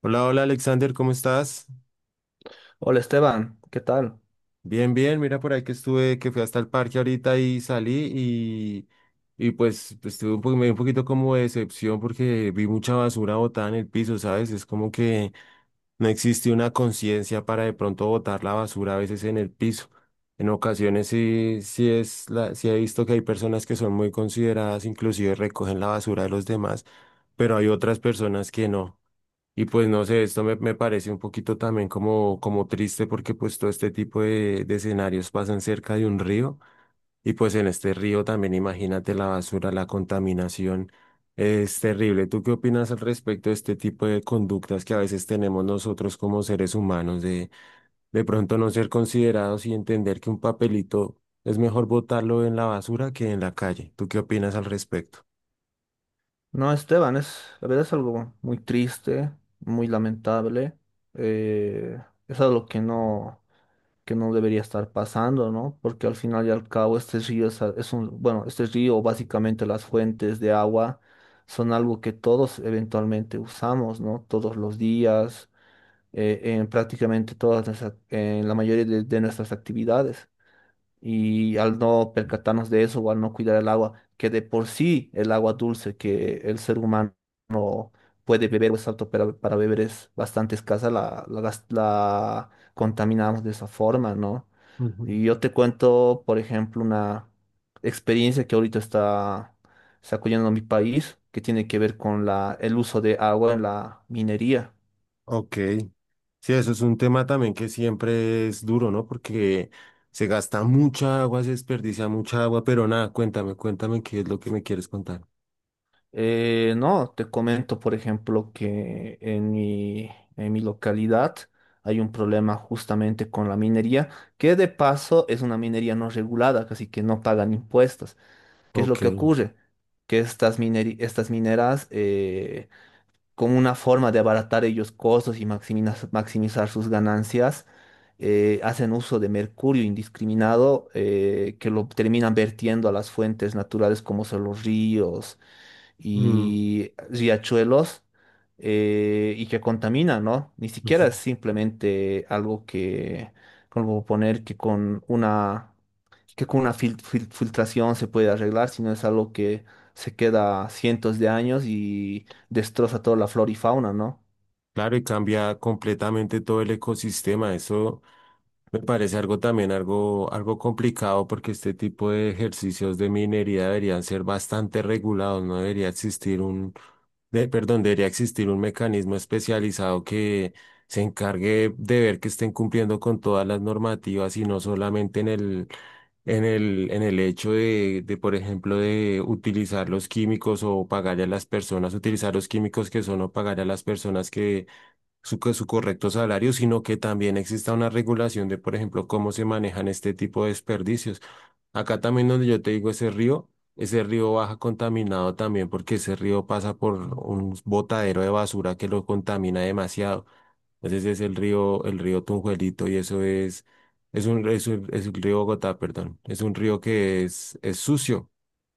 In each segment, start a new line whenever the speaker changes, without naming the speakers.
Hola, hola Alexander, ¿cómo estás?
Hola Esteban, ¿qué tal?
Bien, bien, mira, por ahí que estuve, que fui hasta el parque ahorita y salí y pues tuve un me dio un poquito como de decepción porque vi mucha basura botada en el piso, ¿sabes? Es como que no existe una conciencia para de pronto botar la basura a veces en el piso. En ocasiones sí, sí es la, sí he visto que hay personas que son muy consideradas, inclusive recogen la basura de los demás, pero hay otras personas que no. Y pues no sé, esto me parece un poquito también como, como triste porque pues todo este tipo de escenarios pasan cerca de un río y pues en este río también imagínate la basura, la contaminación, es terrible. ¿Tú qué opinas al respecto de este tipo de conductas que a veces tenemos nosotros como seres humanos de pronto no ser considerados y entender que un papelito es mejor botarlo en la basura que en la calle? ¿Tú qué opinas al respecto?
No, Esteban, es, la verdad es algo muy triste, muy lamentable. eh, es algo que no debería estar pasando, ¿no? Porque al final y al cabo este río es, es un, bueno, este río, básicamente las fuentes de agua, son algo que todos eventualmente usamos, ¿no? Todos los días, en prácticamente en la mayoría de nuestras actividades. Y al no percatarnos de eso o al no cuidar el agua, que de por sí el agua dulce que el ser humano puede beber o es apto para beber es bastante escasa, la, la contaminamos de esa forma, ¿no? Y yo te cuento, por ejemplo, una experiencia que ahorita está sacudiendo mi país, que tiene que ver con la, el uso de agua en la minería.
Ok. Sí, eso es un tema también que siempre es duro, ¿no? Porque se gasta mucha agua, se desperdicia mucha agua, pero nada, cuéntame, cuéntame qué es lo que me quieres contar.
No, te comento, por ejemplo, que en mi localidad hay un problema justamente con la minería, que de paso es una minería no regulada, casi que no pagan impuestos. ¿Qué es lo
Ok.
que ocurre? Que estas mineras, como una forma de abaratar ellos costos y maximizar sus ganancias, hacen uso de mercurio indiscriminado, que lo terminan vertiendo a las fuentes naturales como son los ríos
Mm,
y riachuelos, y que contaminan, ¿no? Ni siquiera
ujú.
es simplemente algo que, como poner que con una filtración se puede arreglar, sino es algo que se queda cientos de años y destroza toda la flora y fauna, ¿no?
Claro, y cambia completamente todo el ecosistema. Eso me parece algo también, algo, algo complicado, porque este tipo de ejercicios de minería deberían ser bastante regulados, no debería existir un perdón, debería existir un mecanismo especializado que se encargue de ver que estén cumpliendo con todas las normativas y no solamente en el, en el hecho de, por ejemplo, de utilizar los químicos o pagarle a las personas, utilizar los químicos que son o pagarle a las personas que su, su correcto salario, sino que también exista una regulación de, por ejemplo, cómo se manejan este tipo de desperdicios. Acá también donde yo te digo ese río baja contaminado también porque ese río pasa por un botadero de basura que lo contamina demasiado. Entonces es el río Tunjuelito y eso es un, es el río Bogotá, perdón. Es un río que es sucio.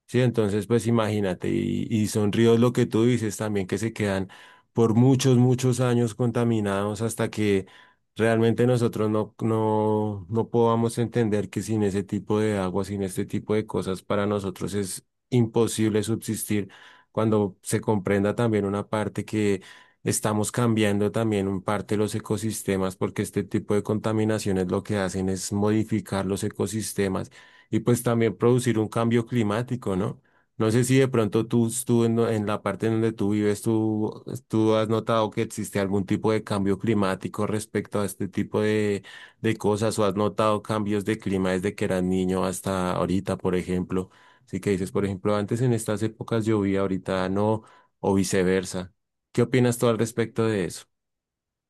Sí, entonces pues imagínate, y son ríos lo que tú dices también que se quedan por muchos, muchos años contaminados hasta que realmente nosotros no podamos entender que sin ese tipo de agua, sin este tipo de cosas, para nosotros es imposible subsistir cuando se comprenda también una parte que estamos cambiando también un parte los ecosistemas, porque este tipo de contaminaciones lo que hacen es modificar los ecosistemas y pues también producir un cambio climático, ¿no? No sé si de pronto tú en la parte en donde tú vives, tú has notado que existe algún tipo de cambio climático respecto a este tipo de cosas o has notado cambios de clima desde que eras niño hasta ahorita, por ejemplo. Así que dices, por ejemplo, antes en estas épocas llovía, ahorita no, o viceversa. ¿Qué opinas tú al respecto de eso?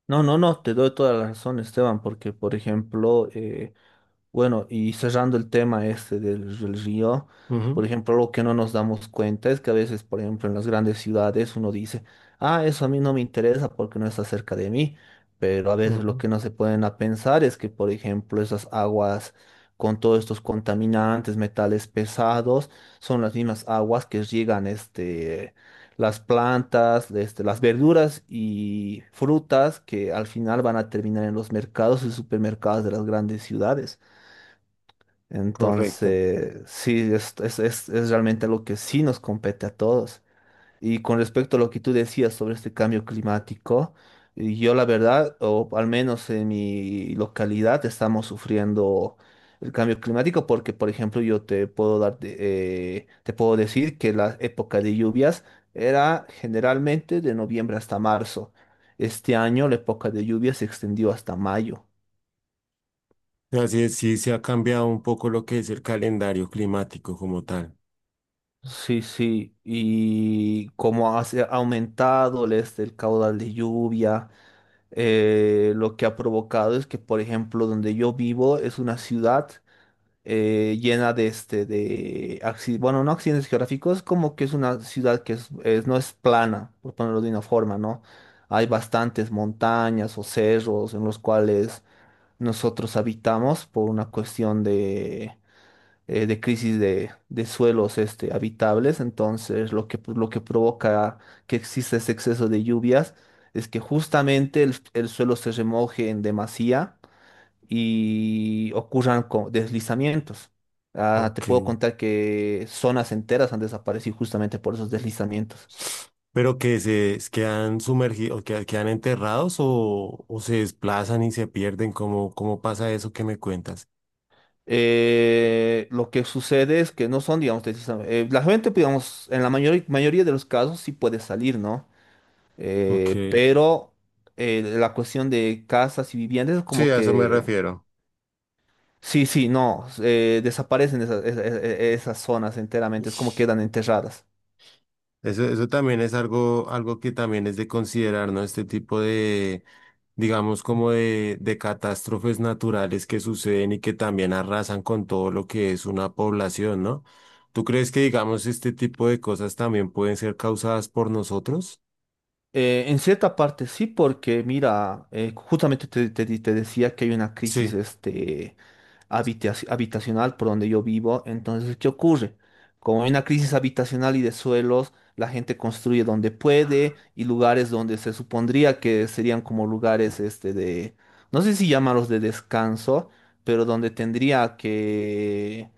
No, no, no, te doy toda la razón, Esteban, porque, por ejemplo, bueno, y cerrando el tema este del, del río, por
Ujú.
ejemplo, lo que no nos damos cuenta es que a veces, por ejemplo, en las grandes ciudades uno dice, ah, eso a mí no me interesa porque no está cerca de mí, pero a veces lo
Ujú.
que no se pueden a pensar es que, por ejemplo, esas aguas con todos estos contaminantes, metales pesados, son las mismas aguas que riegan este, las plantas, este, las verduras y frutas que al final van a terminar en los mercados y supermercados de las grandes ciudades.
Correcto.
Entonces, sí, es realmente algo que sí nos compete a todos. Y con respecto a lo que tú decías sobre este cambio climático, y yo la verdad, o al menos en mi localidad, estamos sufriendo el cambio climático porque, por ejemplo, yo te puedo dar, te puedo decir que la época de lluvias era generalmente de noviembre hasta marzo. Este año la época de lluvias se extendió hasta mayo.
Así es, sí se ha cambiado un poco lo que es el calendario climático como tal.
Sí, sí, y como ha se ha aumentado el, este, el caudal de lluvia, lo que ha provocado es que, por ejemplo, donde yo vivo es una ciudad, llena de, este, de bueno, no accidentes geográficos, como que es una ciudad que no es plana, por ponerlo de una forma, ¿no? Hay bastantes montañas o cerros en los cuales nosotros habitamos por una cuestión, de crisis de suelos este, habitables. Entonces, lo que provoca que exista ese exceso de lluvias es que justamente el suelo se remoje en demasía y ocurran deslizamientos. Ah, te
Ok.
puedo contar que zonas enteras han desaparecido justamente por esos deslizamientos.
Pero que se quedan sumergidos, que quedan enterrados o se desplazan y se pierden, ¿cómo, cómo pasa eso que me cuentas?
Lo que sucede es que no son, digamos, la gente, digamos, en la mayoría de los casos sí puede salir, ¿no?
Ok.
Pero la cuestión de casas y viviendas es
Sí,
como
a eso me
que...
refiero.
Sí, sí, no, desaparecen esas, esas zonas enteramente, es como
Ish.
quedan enterradas.
Eso también es algo, algo que también es de considerar, ¿no? Este tipo de, digamos, como de catástrofes naturales que suceden y que también arrasan con todo lo que es una población, ¿no? ¿Tú crees que, digamos, este tipo de cosas también pueden ser causadas por nosotros?
En cierta parte sí, porque mira, justamente te, te decía que hay una crisis
Sí.
este, habitacional por donde yo vivo. Entonces, ¿qué ocurre? Como hay una crisis habitacional y de suelos, la gente construye donde puede y lugares donde se supondría que serían como lugares este de, no sé si llamarlos de descanso, pero donde tendría que,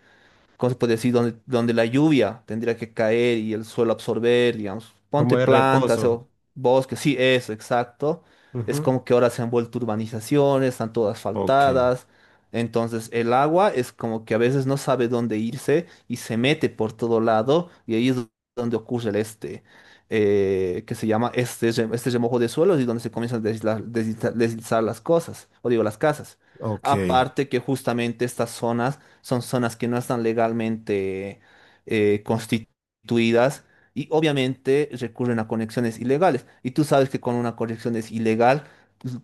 ¿cómo se puede decir? Donde, donde la lluvia tendría que caer y el suelo absorber, digamos.
Como
Ponte
de
plantas
reposo.
o bosques, sí, eso, exacto. Es
Ujú.
como que ahora se han vuelto urbanizaciones, están todas
Ok,
asfaltadas. Entonces el agua es como que a veces no sabe dónde irse y se mete por todo lado y ahí es donde ocurre el este, que se llama este, este remojo de suelos y donde se comienzan a deslizar las cosas, o digo las casas.
ok.
Aparte que justamente estas zonas son zonas que no están legalmente, constituidas y obviamente recurren a conexiones ilegales. Y tú sabes que con una conexión es ilegal,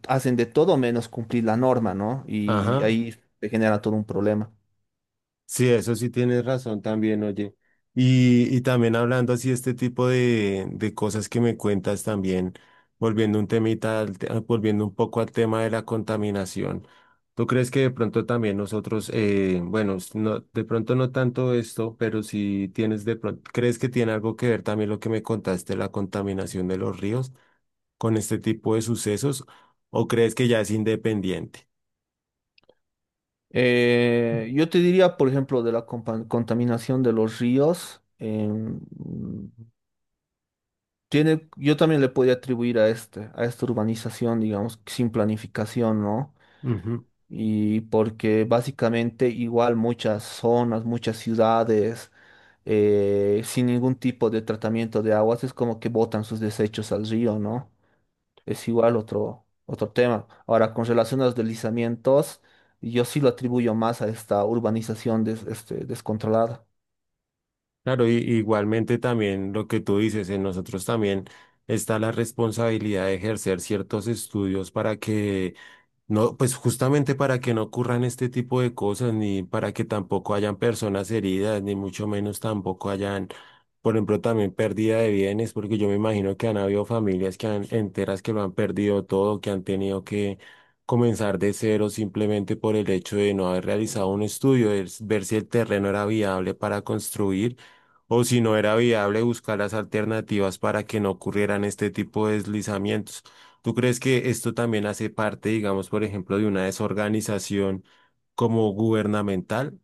hacen de todo menos cumplir la norma, ¿no? Y
Ajá.
ahí se genera todo un problema.
Sí, eso sí tienes razón también, oye. Y también hablando así este tipo de cosas que me cuentas también, volviendo un temita, al ah, volviendo un poco al tema de la contaminación. ¿Tú crees que de pronto también nosotros, bueno, no, de pronto no tanto esto, pero si tienes de pronto, crees que tiene algo que ver también lo que me contaste, la contaminación de los ríos con este tipo de sucesos o crees que ya es independiente?
Yo te diría, por ejemplo, de la contaminación de los ríos, tiene, yo también le podría atribuir a este, a esta urbanización, digamos, sin planificación, ¿no?
Ujú.
Y porque básicamente igual muchas zonas, muchas ciudades, sin ningún tipo de tratamiento de aguas, es como que botan sus desechos al río, ¿no? Es igual otro, otro tema. Ahora, con relación a los deslizamientos, yo sí lo atribuyo más a esta este, descontrolada.
Claro, y, igualmente también lo que tú dices, en nosotros también está la responsabilidad de ejercer ciertos estudios para que, no, pues justamente para que no ocurran este tipo de cosas, ni para que tampoco hayan personas heridas, ni mucho menos tampoco hayan, por ejemplo, también pérdida de bienes, porque yo me imagino que han habido familias que han, enteras que lo han perdido todo, que han tenido que comenzar de cero simplemente por el hecho de no haber realizado un estudio, de ver si el terreno era viable para construir o si no era viable buscar las alternativas para que no ocurrieran este tipo de deslizamientos. ¿Tú crees que esto también hace parte, digamos, por ejemplo, de una desorganización como gubernamental?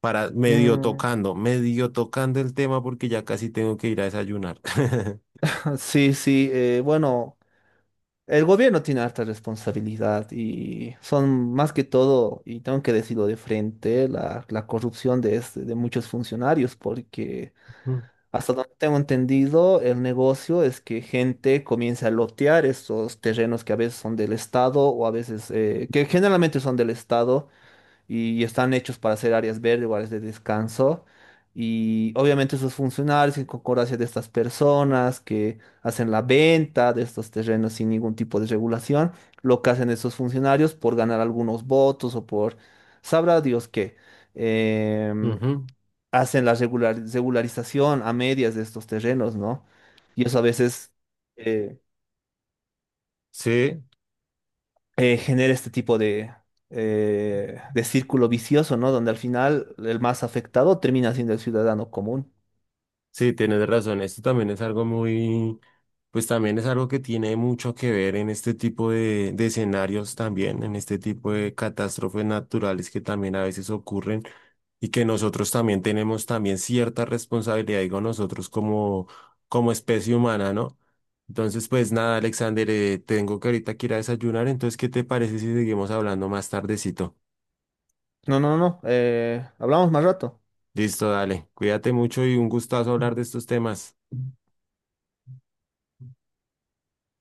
Para
Mm.
medio tocando el tema porque ya casi tengo que ir a desayunar.
Sí, sí, bueno, el gobierno tiene harta responsabilidad y son más que todo, y tengo que decirlo de frente, la corrupción de, de muchos funcionarios, porque
Mm,
hasta donde tengo entendido, el negocio es que gente comienza a lotear estos terrenos que a veces son del Estado o a veces, que generalmente son del Estado y están hechos para ser áreas verdes o áreas de descanso. Y obviamente esos funcionarios en concordancia de estas personas que hacen la venta de estos terrenos sin ningún tipo de regulación, lo que hacen esos funcionarios por ganar algunos votos o por, sabrá Dios qué, em,
ujú.
hacen la regularización a medias de estos terrenos, ¿no? Y eso a veces... eh,
Sí,
genera este tipo de círculo vicioso, ¿no? Donde al final el más afectado termina siendo el ciudadano común.
sí, tienes razón. Esto también es algo muy, pues también es algo que tiene mucho que ver en este tipo de escenarios también, en este tipo de catástrofes naturales que también a veces ocurren y que nosotros también tenemos también cierta responsabilidad, digo nosotros como, como especie humana, ¿no? Entonces, pues nada, Alexander, tengo que ahorita que ir a desayunar, entonces, ¿qué te parece si seguimos hablando más tardecito?
No, no, no. Hablamos más rato.
Listo, dale, cuídate mucho y un gustazo hablar de estos temas.